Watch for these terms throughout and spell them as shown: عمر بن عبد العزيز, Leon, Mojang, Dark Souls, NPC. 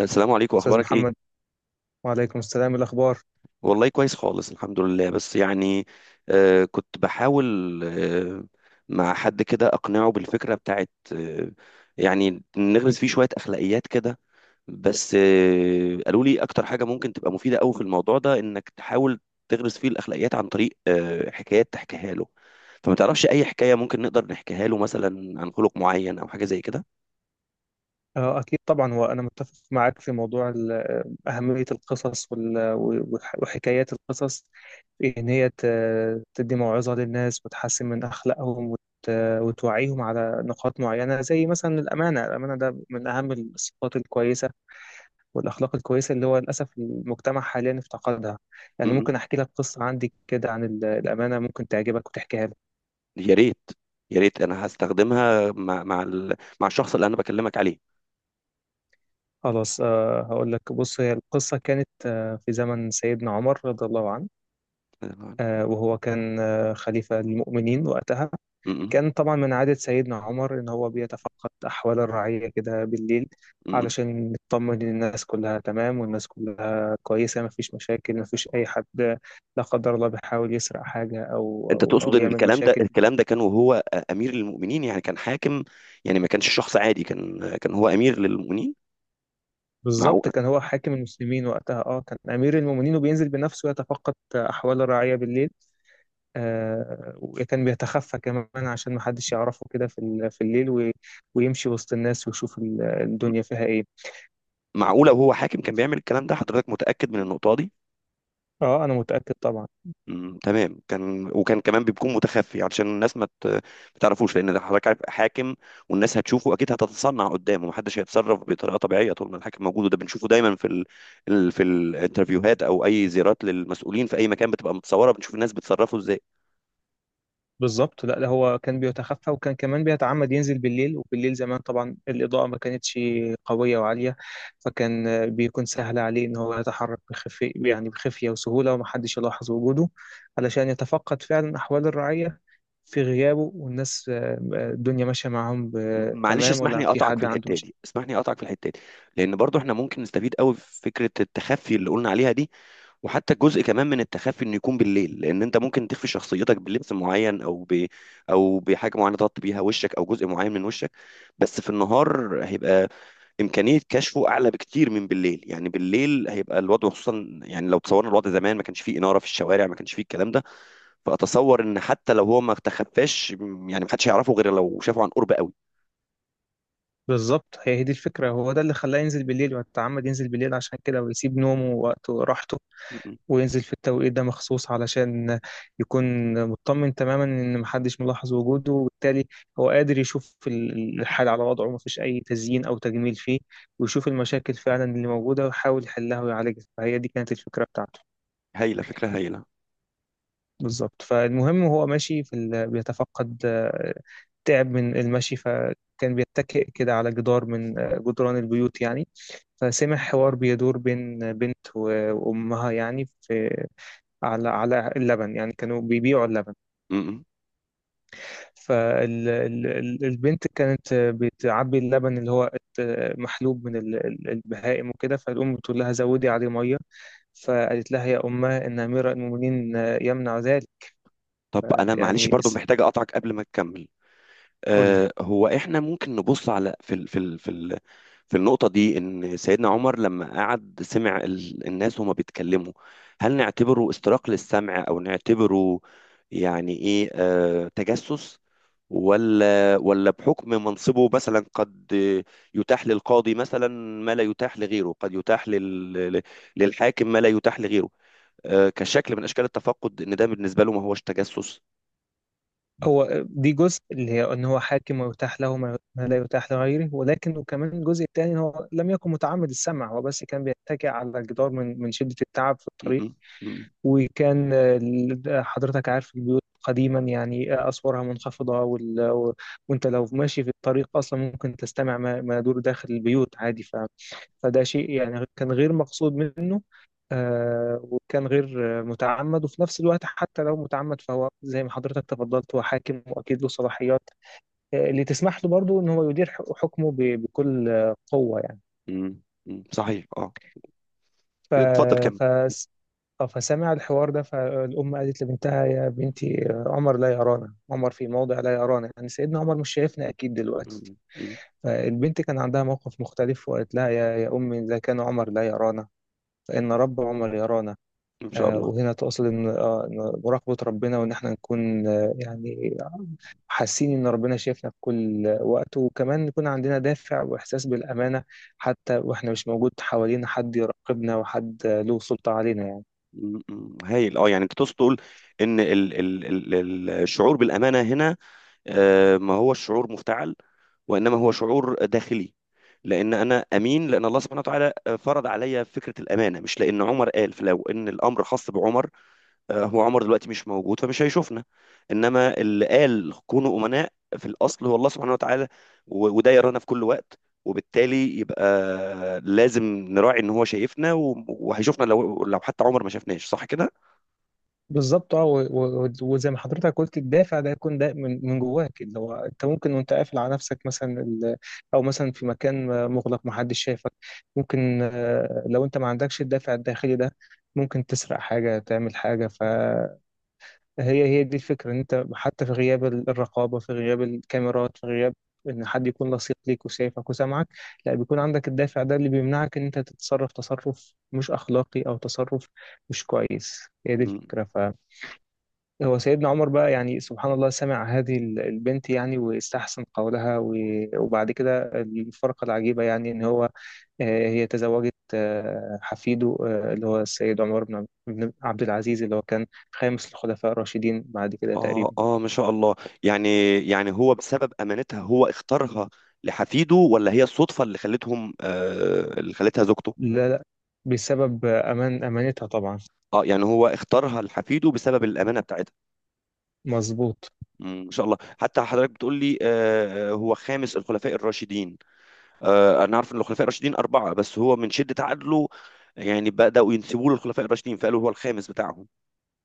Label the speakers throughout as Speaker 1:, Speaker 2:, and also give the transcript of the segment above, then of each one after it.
Speaker 1: السلام عليكم،
Speaker 2: أستاذ
Speaker 1: اخبارك ايه؟
Speaker 2: محمد. وعليكم السلام. الأخبار؟
Speaker 1: والله كويس خالص الحمد لله. بس يعني كنت بحاول مع حد كده اقنعه بالفكره بتاعت يعني نغرس فيه شويه اخلاقيات كده. بس قالوا لي اكتر حاجه ممكن تبقى مفيده قوي في الموضوع ده، انك تحاول تغرس فيه الاخلاقيات عن طريق حكايات تحكيها له. فما تعرفش اي حكايه ممكن نقدر نحكيها له مثلا عن خلق معين او حاجه زي كده؟
Speaker 2: أكيد طبعا، هو أنا متفق معاك في موضوع أهمية القصص، وحكايات القصص، في إن هي تدي موعظة للناس وتحسن من أخلاقهم وتوعيهم على نقاط معينة، زي مثلا الأمانة. الأمانة ده من أهم الصفات الكويسة والأخلاق الكويسة اللي هو للأسف المجتمع حاليا افتقدها. يعني
Speaker 1: م.
Speaker 2: ممكن أحكي لك قصة عندي كده عن الأمانة، ممكن تعجبك وتحكيها لك.
Speaker 1: يا ريت، يا ريت انا هستخدمها مع الشخص اللي انا بكلمك عليه.
Speaker 2: خلاص. هقول لك، بص، هي القصة كانت في زمن سيدنا عمر رضي الله عنه.
Speaker 1: م-م.
Speaker 2: وهو كان خليفة للمؤمنين وقتها. كان طبعا من عادة سيدنا عمر إن هو بيتفقد أحوال الرعية كده بالليل،
Speaker 1: م-م.
Speaker 2: علشان يطمن إن الناس كلها تمام، والناس كلها كويسة، مفيش مشاكل، مفيش أي حد لا قدر الله بيحاول يسرق حاجة أو
Speaker 1: انت
Speaker 2: أو
Speaker 1: تقصد
Speaker 2: أو
Speaker 1: ان
Speaker 2: يعمل
Speaker 1: الكلام ده
Speaker 2: مشاكل.
Speaker 1: الكلام ده كان وهو امير للمؤمنين، يعني كان حاكم، يعني ما كانش شخص عادي، كان هو امير للمؤمنين.
Speaker 2: بالظبط،
Speaker 1: معقوله؟
Speaker 2: كان هو حاكم المسلمين وقتها. كان أمير المؤمنين، وبينزل بنفسه يتفقد أحوال الرعية بالليل. وكان بيتخفى كمان، عشان محدش يعرفه كده في الليل، ويمشي وسط الناس ويشوف الدنيا فيها ايه.
Speaker 1: معقوله وهو حاكم كان بيعمل الكلام ده؟ حضرتك متاكد من النقطه دي؟
Speaker 2: اه، انا متأكد طبعا.
Speaker 1: مم. تمام. كان وكان كمان بيكون متخفي علشان الناس ما تعرفوش، لان ده حضرتك عارف حاكم، والناس هتشوفه اكيد، هتتصنع قدامه، محدش هيتصرف بطريقه طبيعيه طول ما الحاكم موجود، وده بنشوفه دايما في الانترفيوهات او اي زيارات للمسؤولين في اي مكان بتبقى متصوره، بنشوف الناس بتصرفوا ازاي.
Speaker 2: بالظبط. لا، لا، هو كان بيتخفى، وكان كمان بيتعمد ينزل بالليل. وبالليل زمان طبعا الإضاءة ما كانتش قوية وعالية، فكان بيكون سهل عليه ان هو يتحرك بخفي، يعني بخفية وسهولة، ومحدش يلاحظ وجوده، علشان يتفقد فعلا أحوال الرعية في غيابه، والناس الدنيا ماشية معاهم
Speaker 1: معلش
Speaker 2: تمام،
Speaker 1: اسمح
Speaker 2: ولا
Speaker 1: لي
Speaker 2: في
Speaker 1: اقطعك في
Speaker 2: حد عنده
Speaker 1: الحته
Speaker 2: مشاكل.
Speaker 1: دي، اسمح لي اقطعك في الحته دي، لان برضو احنا ممكن نستفيد قوي في فكره التخفي اللي قلنا عليها دي، وحتى جزء كمان من التخفي انه يكون بالليل، لان انت ممكن تخفي شخصيتك بلبس معين او بحاجه معينه تغطي بيها وشك او جزء معين من وشك. بس في النهار هيبقى امكانيه كشفه اعلى بكتير من بالليل، يعني بالليل هيبقى الوضع، خصوصا يعني لو تصورنا الوضع زمان، ما كانش فيه اناره في الشوارع، ما كانش فيه الكلام ده. فاتصور ان حتى لو هو ما تخفاش، يعني ما حدش هيعرفه غير لو شافه عن قرب قوي.
Speaker 2: بالظبط، هي دي الفكرة. هو ده اللي خلاه ينزل بالليل، ويتعمد ينزل بالليل عشان كده، ويسيب نومه ووقته وراحته، وينزل في التوقيت ده مخصوص علشان يكون مطمن تماما إن محدش ملاحظ وجوده، وبالتالي هو قادر يشوف الحال على وضعه، مفيش أي تزيين أو تجميل فيه، ويشوف المشاكل فعلا اللي موجودة، ويحاول يحلها ويعالجها. فهي دي كانت الفكرة بتاعته.
Speaker 1: هايلة فكرة هايلة.
Speaker 2: بالظبط. فالمهم، هو ماشي بيتفقد، تعب من المشي، فكان بيتكئ كده على جدار من جدران البيوت يعني، فسمع حوار بيدور بين بنت وأمها، يعني في، على اللبن، يعني كانوا بيبيعوا اللبن.
Speaker 1: م-م.
Speaker 2: فالبنت كانت بتعبي اللبن اللي هو محلوب من البهائم وكده، فالأم بتقول لها زودي عليه مية، فقالت لها يا أمه إن أمير المؤمنين يمنع ذلك.
Speaker 1: طب أنا معلش
Speaker 2: يعني
Speaker 1: برضو محتاج أقطعك قبل ما تكمل.
Speaker 2: قولي.
Speaker 1: هو إحنا ممكن نبص على في ال في ال في ال في النقطة دي، إن سيدنا عمر لما قعد سمع الناس وهما بيتكلموا، هل نعتبره استراق للسمع أو نعتبره، يعني إيه، تجسس؟ ولا بحكم منصبه، مثلا قد يتاح للقاضي مثلا ما لا يتاح لغيره، قد يتاح للحاكم ما لا يتاح لغيره، كشكل من اشكال التفقد، ان ده بالنسبه له ما هوش تجسس.
Speaker 2: هو دي جزء اللي هي ان هو حاكم ويتاح له ما لا يتاح لغيره، ولكن وكمان الجزء الثاني، هو لم يكن متعمد السمع، هو بس كان بيتكئ على الجدار من شدة التعب في الطريق.
Speaker 1: م- م-.
Speaker 2: وكان حضرتك عارف البيوت قديما يعني أسوارها منخفضة، وأنت لو ماشي في الطريق أصلا، ممكن تستمع ما يدور داخل البيوت عادي. فده شيء يعني كان غير مقصود منه، وكان غير متعمد. وفي نفس الوقت، حتى لو متعمد، فهو زي ما حضرتك تفضلت، هو حاكم وأكيد له صلاحيات اللي تسمح له برضه إن هو يدير حكمه بكل قوة يعني.
Speaker 1: م- م-. صحيح، اه.
Speaker 2: ف...
Speaker 1: اتفضل كمل.
Speaker 2: اه فسمع الحوار ده. فالأم قالت لبنتها يا بنتي عمر لا يرانا، عمر في موضع لا يرانا، يعني سيدنا عمر مش شايفنا أكيد دلوقتي.
Speaker 1: م- م-.
Speaker 2: فالبنت كان عندها موقف مختلف، وقالت لها يا أمي، إذا كان عمر لا يرانا، فإن رب عمر يرانا.
Speaker 1: ان شاء الله.
Speaker 2: وهنا تقصد إن، إن مراقبة ربنا، وإن إحنا نكون يعني حاسين إن ربنا شايفنا في كل وقت، وكمان يكون عندنا دافع وإحساس بالأمانة حتى وإحنا مش موجود حوالينا حد يراقبنا وحد له سلطة علينا يعني.
Speaker 1: م- م-. هايل، اه. يعني انت تقصد تقول ان الشعور بالامانه هنا، ما هو الشعور مفتعل وانما هو شعور داخلي، لان انا امين لان الله سبحانه وتعالى فرض عليا فكره الامانه، مش لان عمر قال. فلو ان الامر خاص بعمر، هو عمر دلوقتي مش موجود، فمش هيشوفنا. انما اللي قال كونوا امناء في الاصل هو الله سبحانه وتعالى، وده يرانا في كل وقت، وبالتالي يبقى لازم نراعي ان هو شايفنا، وهيشوفنا لو حتى عمر ما شافناش، صح كده؟
Speaker 2: بالظبط. اه، وزي ما حضرتك قلت، الدافع ده يكون ده من جواك، اللي هو انت ممكن وانت قافل على نفسك، مثلا او مثلا في مكان مغلق محدش شايفك، ممكن لو انت ما عندكش الدافع الداخلي ده، ممكن تسرق حاجة، تعمل حاجة. فهي دي الفكرة، ان انت حتى في غياب الرقابة، في غياب الكاميرات، في غياب ان حد يكون لصيق ليك وشايفك وسامعك، لا، بيكون عندك الدافع ده اللي بيمنعك ان انت تتصرف تصرف مش اخلاقي او تصرف مش كويس. هي دي
Speaker 1: مم.
Speaker 2: الفكرة. هو سيدنا عمر بقى يعني سبحان الله، سمع هذه البنت يعني، واستحسن قولها، وبعد كده الفرقة العجيبة، يعني إن هو آه، هي تزوجت حفيده، اللي هو السيد عمر بن عبد العزيز، اللي هو كان خامس الخلفاء الراشدين بعد كده
Speaker 1: اه،
Speaker 2: تقريبا.
Speaker 1: اه، ما شاء الله. يعني، يعني هو بسبب امانتها هو اختارها لحفيده، ولا هي الصدفة اللي خلتهم، اللي خلتها زوجته؟
Speaker 2: لا، لا، بسبب أمانتها طبعا.
Speaker 1: اه، يعني هو اختارها لحفيده بسبب الامانة بتاعتها.
Speaker 2: مظبوط.
Speaker 1: مم، ان شاء الله. حتى حضرتك بتقول لي هو خامس الخلفاء الراشدين. انا عارف ان الخلفاء الراشدين اربعه، بس هو من شده عدله يعني بداوا ينسبوه للخلفاء الراشدين فقالوا هو الخامس بتاعهم.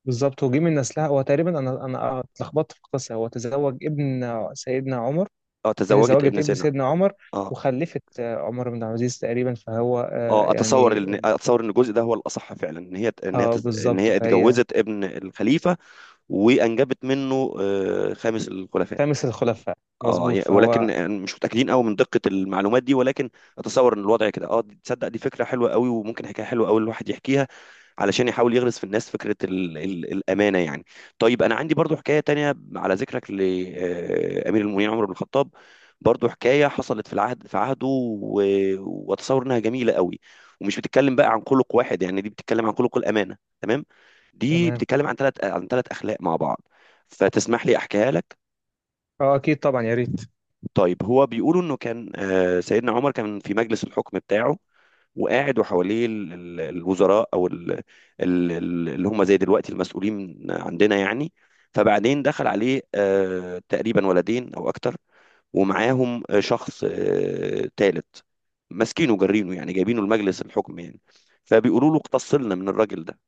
Speaker 2: بالظبط، وجه من نسلها. هو تقريبا، أنا اتلخبطت في القصة، هو تزوج ابن سيدنا عمر.
Speaker 1: اه،
Speaker 2: هي
Speaker 1: تزوجت
Speaker 2: تزوجت
Speaker 1: ابن
Speaker 2: ابن
Speaker 1: سينا.
Speaker 2: سيدنا عمر،
Speaker 1: اه،
Speaker 2: وخلفت عمر بن عبد العزيز تقريبا، فهو
Speaker 1: اه، اتصور
Speaker 2: يعني.
Speaker 1: ان اتصور ان الجزء ده هو الاصح فعلا، ان هي ان هي
Speaker 2: اه،
Speaker 1: تز- ان
Speaker 2: بالظبط،
Speaker 1: هي
Speaker 2: فهي.
Speaker 1: اتجوزت ابن الخليفه، وانجبت منه خامس الخلفاء.
Speaker 2: خامس الخلفاء.
Speaker 1: اه،
Speaker 2: مظبوط،
Speaker 1: ولكن
Speaker 2: فهو.
Speaker 1: يعني مش متاكدين قوي من دقه المعلومات دي، ولكن اتصور ان الوضع كده. اه، تصدق دي فكره حلوه قوي، وممكن حكايه حلوه قوي الواحد يحكيها علشان يحاول يغرس في الناس فكره ال ال الامانه يعني. طيب انا عندي برضو حكايه تانية على ذكرك لامير المؤمنين عمر بن الخطاب، برضو حكايه حصلت في العهد في عهده، واتصور انها جميله قوي، ومش بتتكلم بقى عن خلق واحد يعني، دي بتتكلم عن خلق الامانه، تمام؟ دي
Speaker 2: تمام.
Speaker 1: بتتكلم عن ثلاث اخلاق مع بعض، فتسمح لي احكيها لك؟
Speaker 2: اه، اكيد طبعا، يا ريت.
Speaker 1: طيب هو بيقولوا انه كان سيدنا عمر كان في مجلس الحكم بتاعه، وقاعد وحواليه الوزراء او اللي هم زي دلوقتي المسؤولين عندنا يعني. فبعدين دخل عليه تقريبا ولدين او اكتر، ومعاهم شخص تالت، ماسكينه جارينه يعني، جايبينه لمجلس الحكم يعني. فبيقولوا له اقتصلنا من الراجل ده.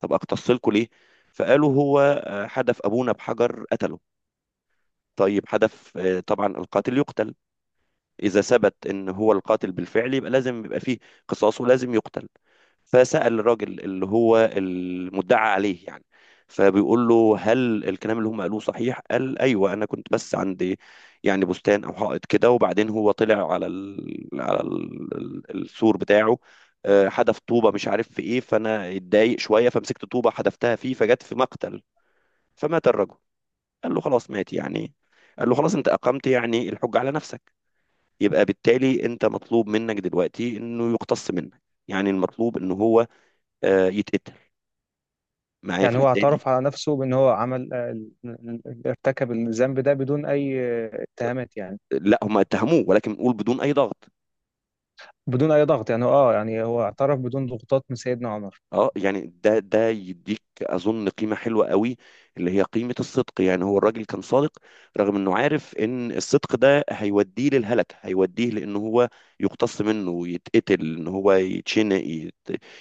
Speaker 1: طب اقتصلكوا ليه؟ فقالوا هو حدف ابونا بحجر قتله. طيب حدف، طبعا القاتل يقتل إذا ثبت إن هو القاتل بالفعل، يبقى لازم يبقى فيه قصاص ولازم يقتل. فسأل الراجل اللي هو المدعى عليه يعني، فبيقول له هل الكلام اللي هم قالوه صحيح؟ قال أيوه، أنا كنت بس عندي يعني بستان أو حائط كده، وبعدين هو طلع السور بتاعه، حدف طوبة مش عارف في إيه، فأنا اتضايق شوية فمسكت طوبة حدفتها فيه فجت في مقتل فمات الرجل. قال له خلاص مات يعني. قال له خلاص، أنت أقمت يعني الحجة على نفسك، يبقى بالتالي انت مطلوب منك دلوقتي انه يقتص منك، يعني المطلوب ان هو يتقتل. معايا في
Speaker 2: يعني هو
Speaker 1: الحته دي؟
Speaker 2: اعترف على نفسه بان هو عمل، ارتكب الذنب ده بدون اي اتهامات يعني.
Speaker 1: لا، هم اتهموه ولكن نقول بدون اي ضغط.
Speaker 2: بدون اي ضغط يعني. اه، يعني هو اعترف بدون ضغوطات من سيدنا عمر.
Speaker 1: اه، يعني ده يديك اظن قيمه حلوه قوي، اللي هي قيمه الصدق، يعني هو الراجل كان صادق رغم انه عارف ان الصدق ده هيوديه للهلك، هيوديه لان هو يقتص منه يتقتل ان هو يتشنق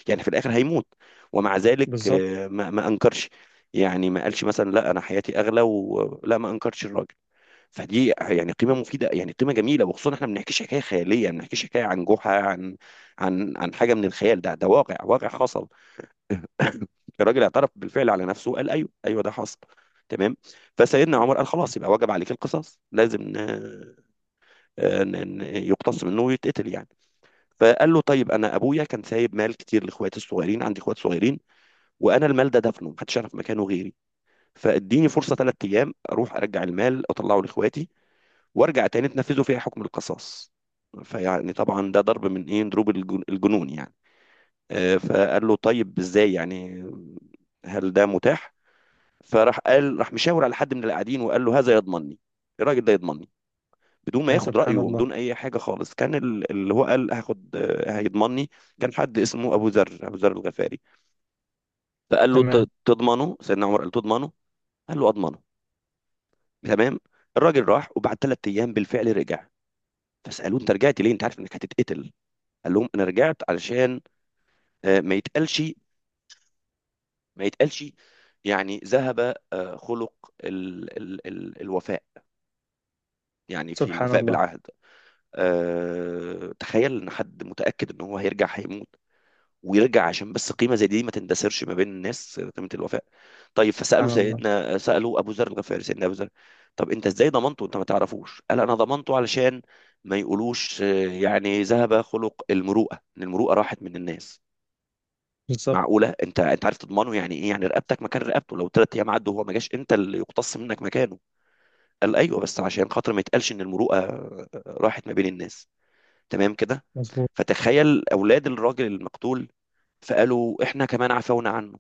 Speaker 1: يعني في الاخر هيموت. ومع ذلك،
Speaker 2: بالظبط.
Speaker 1: ما انكرش. يعني ما قالش مثلا لا انا حياتي اغلى، ولا ما انكرش الراجل. فدي يعني قيمه مفيده يعني قيمه جميله، وخصوصا احنا ما بنحكيش حكايه خياليه، ما بنحكيش حكايه عن جحا، عن حاجه من الخيال، ده واقع واقع حصل. الراجل اعترف بالفعل على نفسه قال ايوه، ايوه، ده حصل. تمام. فسيدنا عمر قال خلاص، يبقى وجب عليك القصاص، لازم يقتص منه ويتقتل يعني. فقال له طيب انا ابويا كان سايب مال كتير لاخواتي الصغيرين، عندي اخوات صغيرين، وانا المال ده دفنه محدش يعرف مكانه غيري، فاديني فرصه ثلاث ايام اروح ارجع المال اطلعه لاخواتي، وارجع تاني تنفذوا فيها حكم القصاص. فيعني طبعا ده ضرب من ايه، ضروب الجنون يعني. فقال له طيب ازاي يعني؟ هل ده متاح؟ فراح قال راح مشاور على حد من اللي قاعدين وقال له هذا يضمنني، الراجل ده يضمنني، بدون ما
Speaker 2: يا
Speaker 1: ياخد رأيه
Speaker 2: سبحان الله.
Speaker 1: وبدون أي حاجة خالص، كان اللي هو قال هاخد هيضمنني. كان حد اسمه أبو ذر، أبو ذر الغفاري. فقال له
Speaker 2: تمام.
Speaker 1: تضمنه؟ سيدنا عمر قال له تضمنه؟ قال له أضمنه. تمام. الراجل راح وبعد ثلاث أيام بالفعل رجع. فسألوه أنت رجعت ليه، أنت عارف إنك هتتقتل؟ قال لهم أنا رجعت علشان ما يتقالش، ما يتقالش، يعني ذهب خلق ال ال ال الوفاء، يعني في
Speaker 2: سبحان
Speaker 1: الوفاء
Speaker 2: الله.
Speaker 1: بالعهد. تخيل ان حد متاكد ان هو هيرجع هيموت، ويرجع عشان بس قيمه زي دي ما تندثرش ما بين الناس، قيمه الوفاء. طيب فسالوا
Speaker 2: سبحان الله.
Speaker 1: سيدنا، سالوا ابو ذر الغفاري، سيدنا ابو ذر، طب انت ازاي ضمنته انت ما تعرفوش؟ قال انا ضمنته علشان ما يقولوش يعني ذهب خلق المروءه، ان المروءه راحت من الناس.
Speaker 2: بالظبط.
Speaker 1: معقوله؟ انت عارف تضمنه يعني ايه؟ يعني رقبتك مكان رقبته، لو ثلاث ايام عدوا وهو ما جاش انت اللي يقتص منك مكانه. قال ايوه، بس عشان خاطر ما يتقالش ان المروءه راحت ما بين الناس. تمام كده.
Speaker 2: مظبوط.
Speaker 1: فتخيل أولاد الراجل المقتول، فقالوا إحنا كمان عفونا عنه.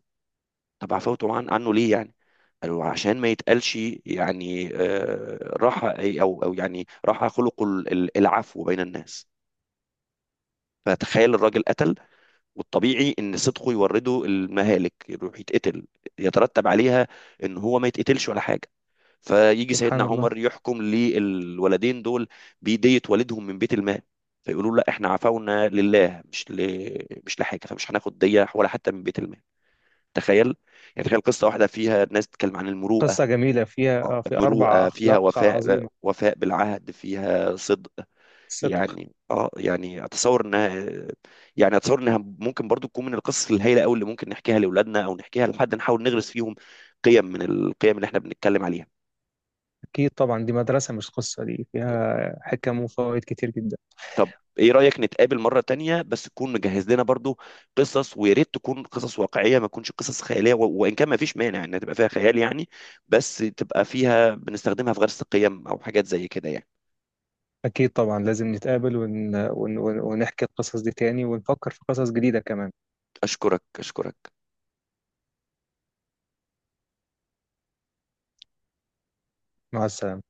Speaker 1: طب عفوتوا عنه ليه يعني؟ قالوا عشان ما يتقالش يعني راح أو أو يعني راح خلق العفو بين الناس. فتخيل الراجل قتل، والطبيعي ان صدقه يورده المهالك، يروح يتقتل، يترتب عليها ان هو ما يتقتلش ولا حاجه. فيجي
Speaker 2: سبحان
Speaker 1: سيدنا
Speaker 2: الله.
Speaker 1: عمر يحكم للولدين دول بيدية والدهم من بيت المال، فيقولوا له لا احنا عفونا لله، مش لحاجه، فمش هناخد دية ولا حتى من بيت المال. تخيل، يعني تخيل قصه واحده فيها ناس تتكلم عن المروءه،
Speaker 2: قصة جميلة، فيها في أربع
Speaker 1: مروءه فيها،
Speaker 2: أخلاق
Speaker 1: وفاء
Speaker 2: عظيمة.
Speaker 1: وفاء بالعهد فيها، صدق.
Speaker 2: صدق.
Speaker 1: يعني اه، يعني اتصور انها ممكن برضو تكون من القصص الهائله قوي اللي ممكن نحكيها لاولادنا او نحكيها لحد نحاول نغرس فيهم قيم من القيم اللي احنا بنتكلم عليها.
Speaker 2: أكيد طبعا، دي مدرسة مش قصة، دي فيها حكم وفوائد كتير جدا.
Speaker 1: طب ايه رأيك نتقابل مرة تانية، بس تكون مجهز لنا برضو قصص، ويا ريت تكون قصص واقعية ما تكونش قصص خيالية، وان كان ما فيش مانع انها تبقى فيها خيال يعني، بس تبقى فيها بنستخدمها في غرس القيم او حاجات زي كده يعني.
Speaker 2: أكيد طبعا، لازم نتقابل ونحكي القصص دي تاني، ونفكر في قصص جديدة كمان.
Speaker 1: اشكرك، اشكرك.
Speaker 2: مع السلامة.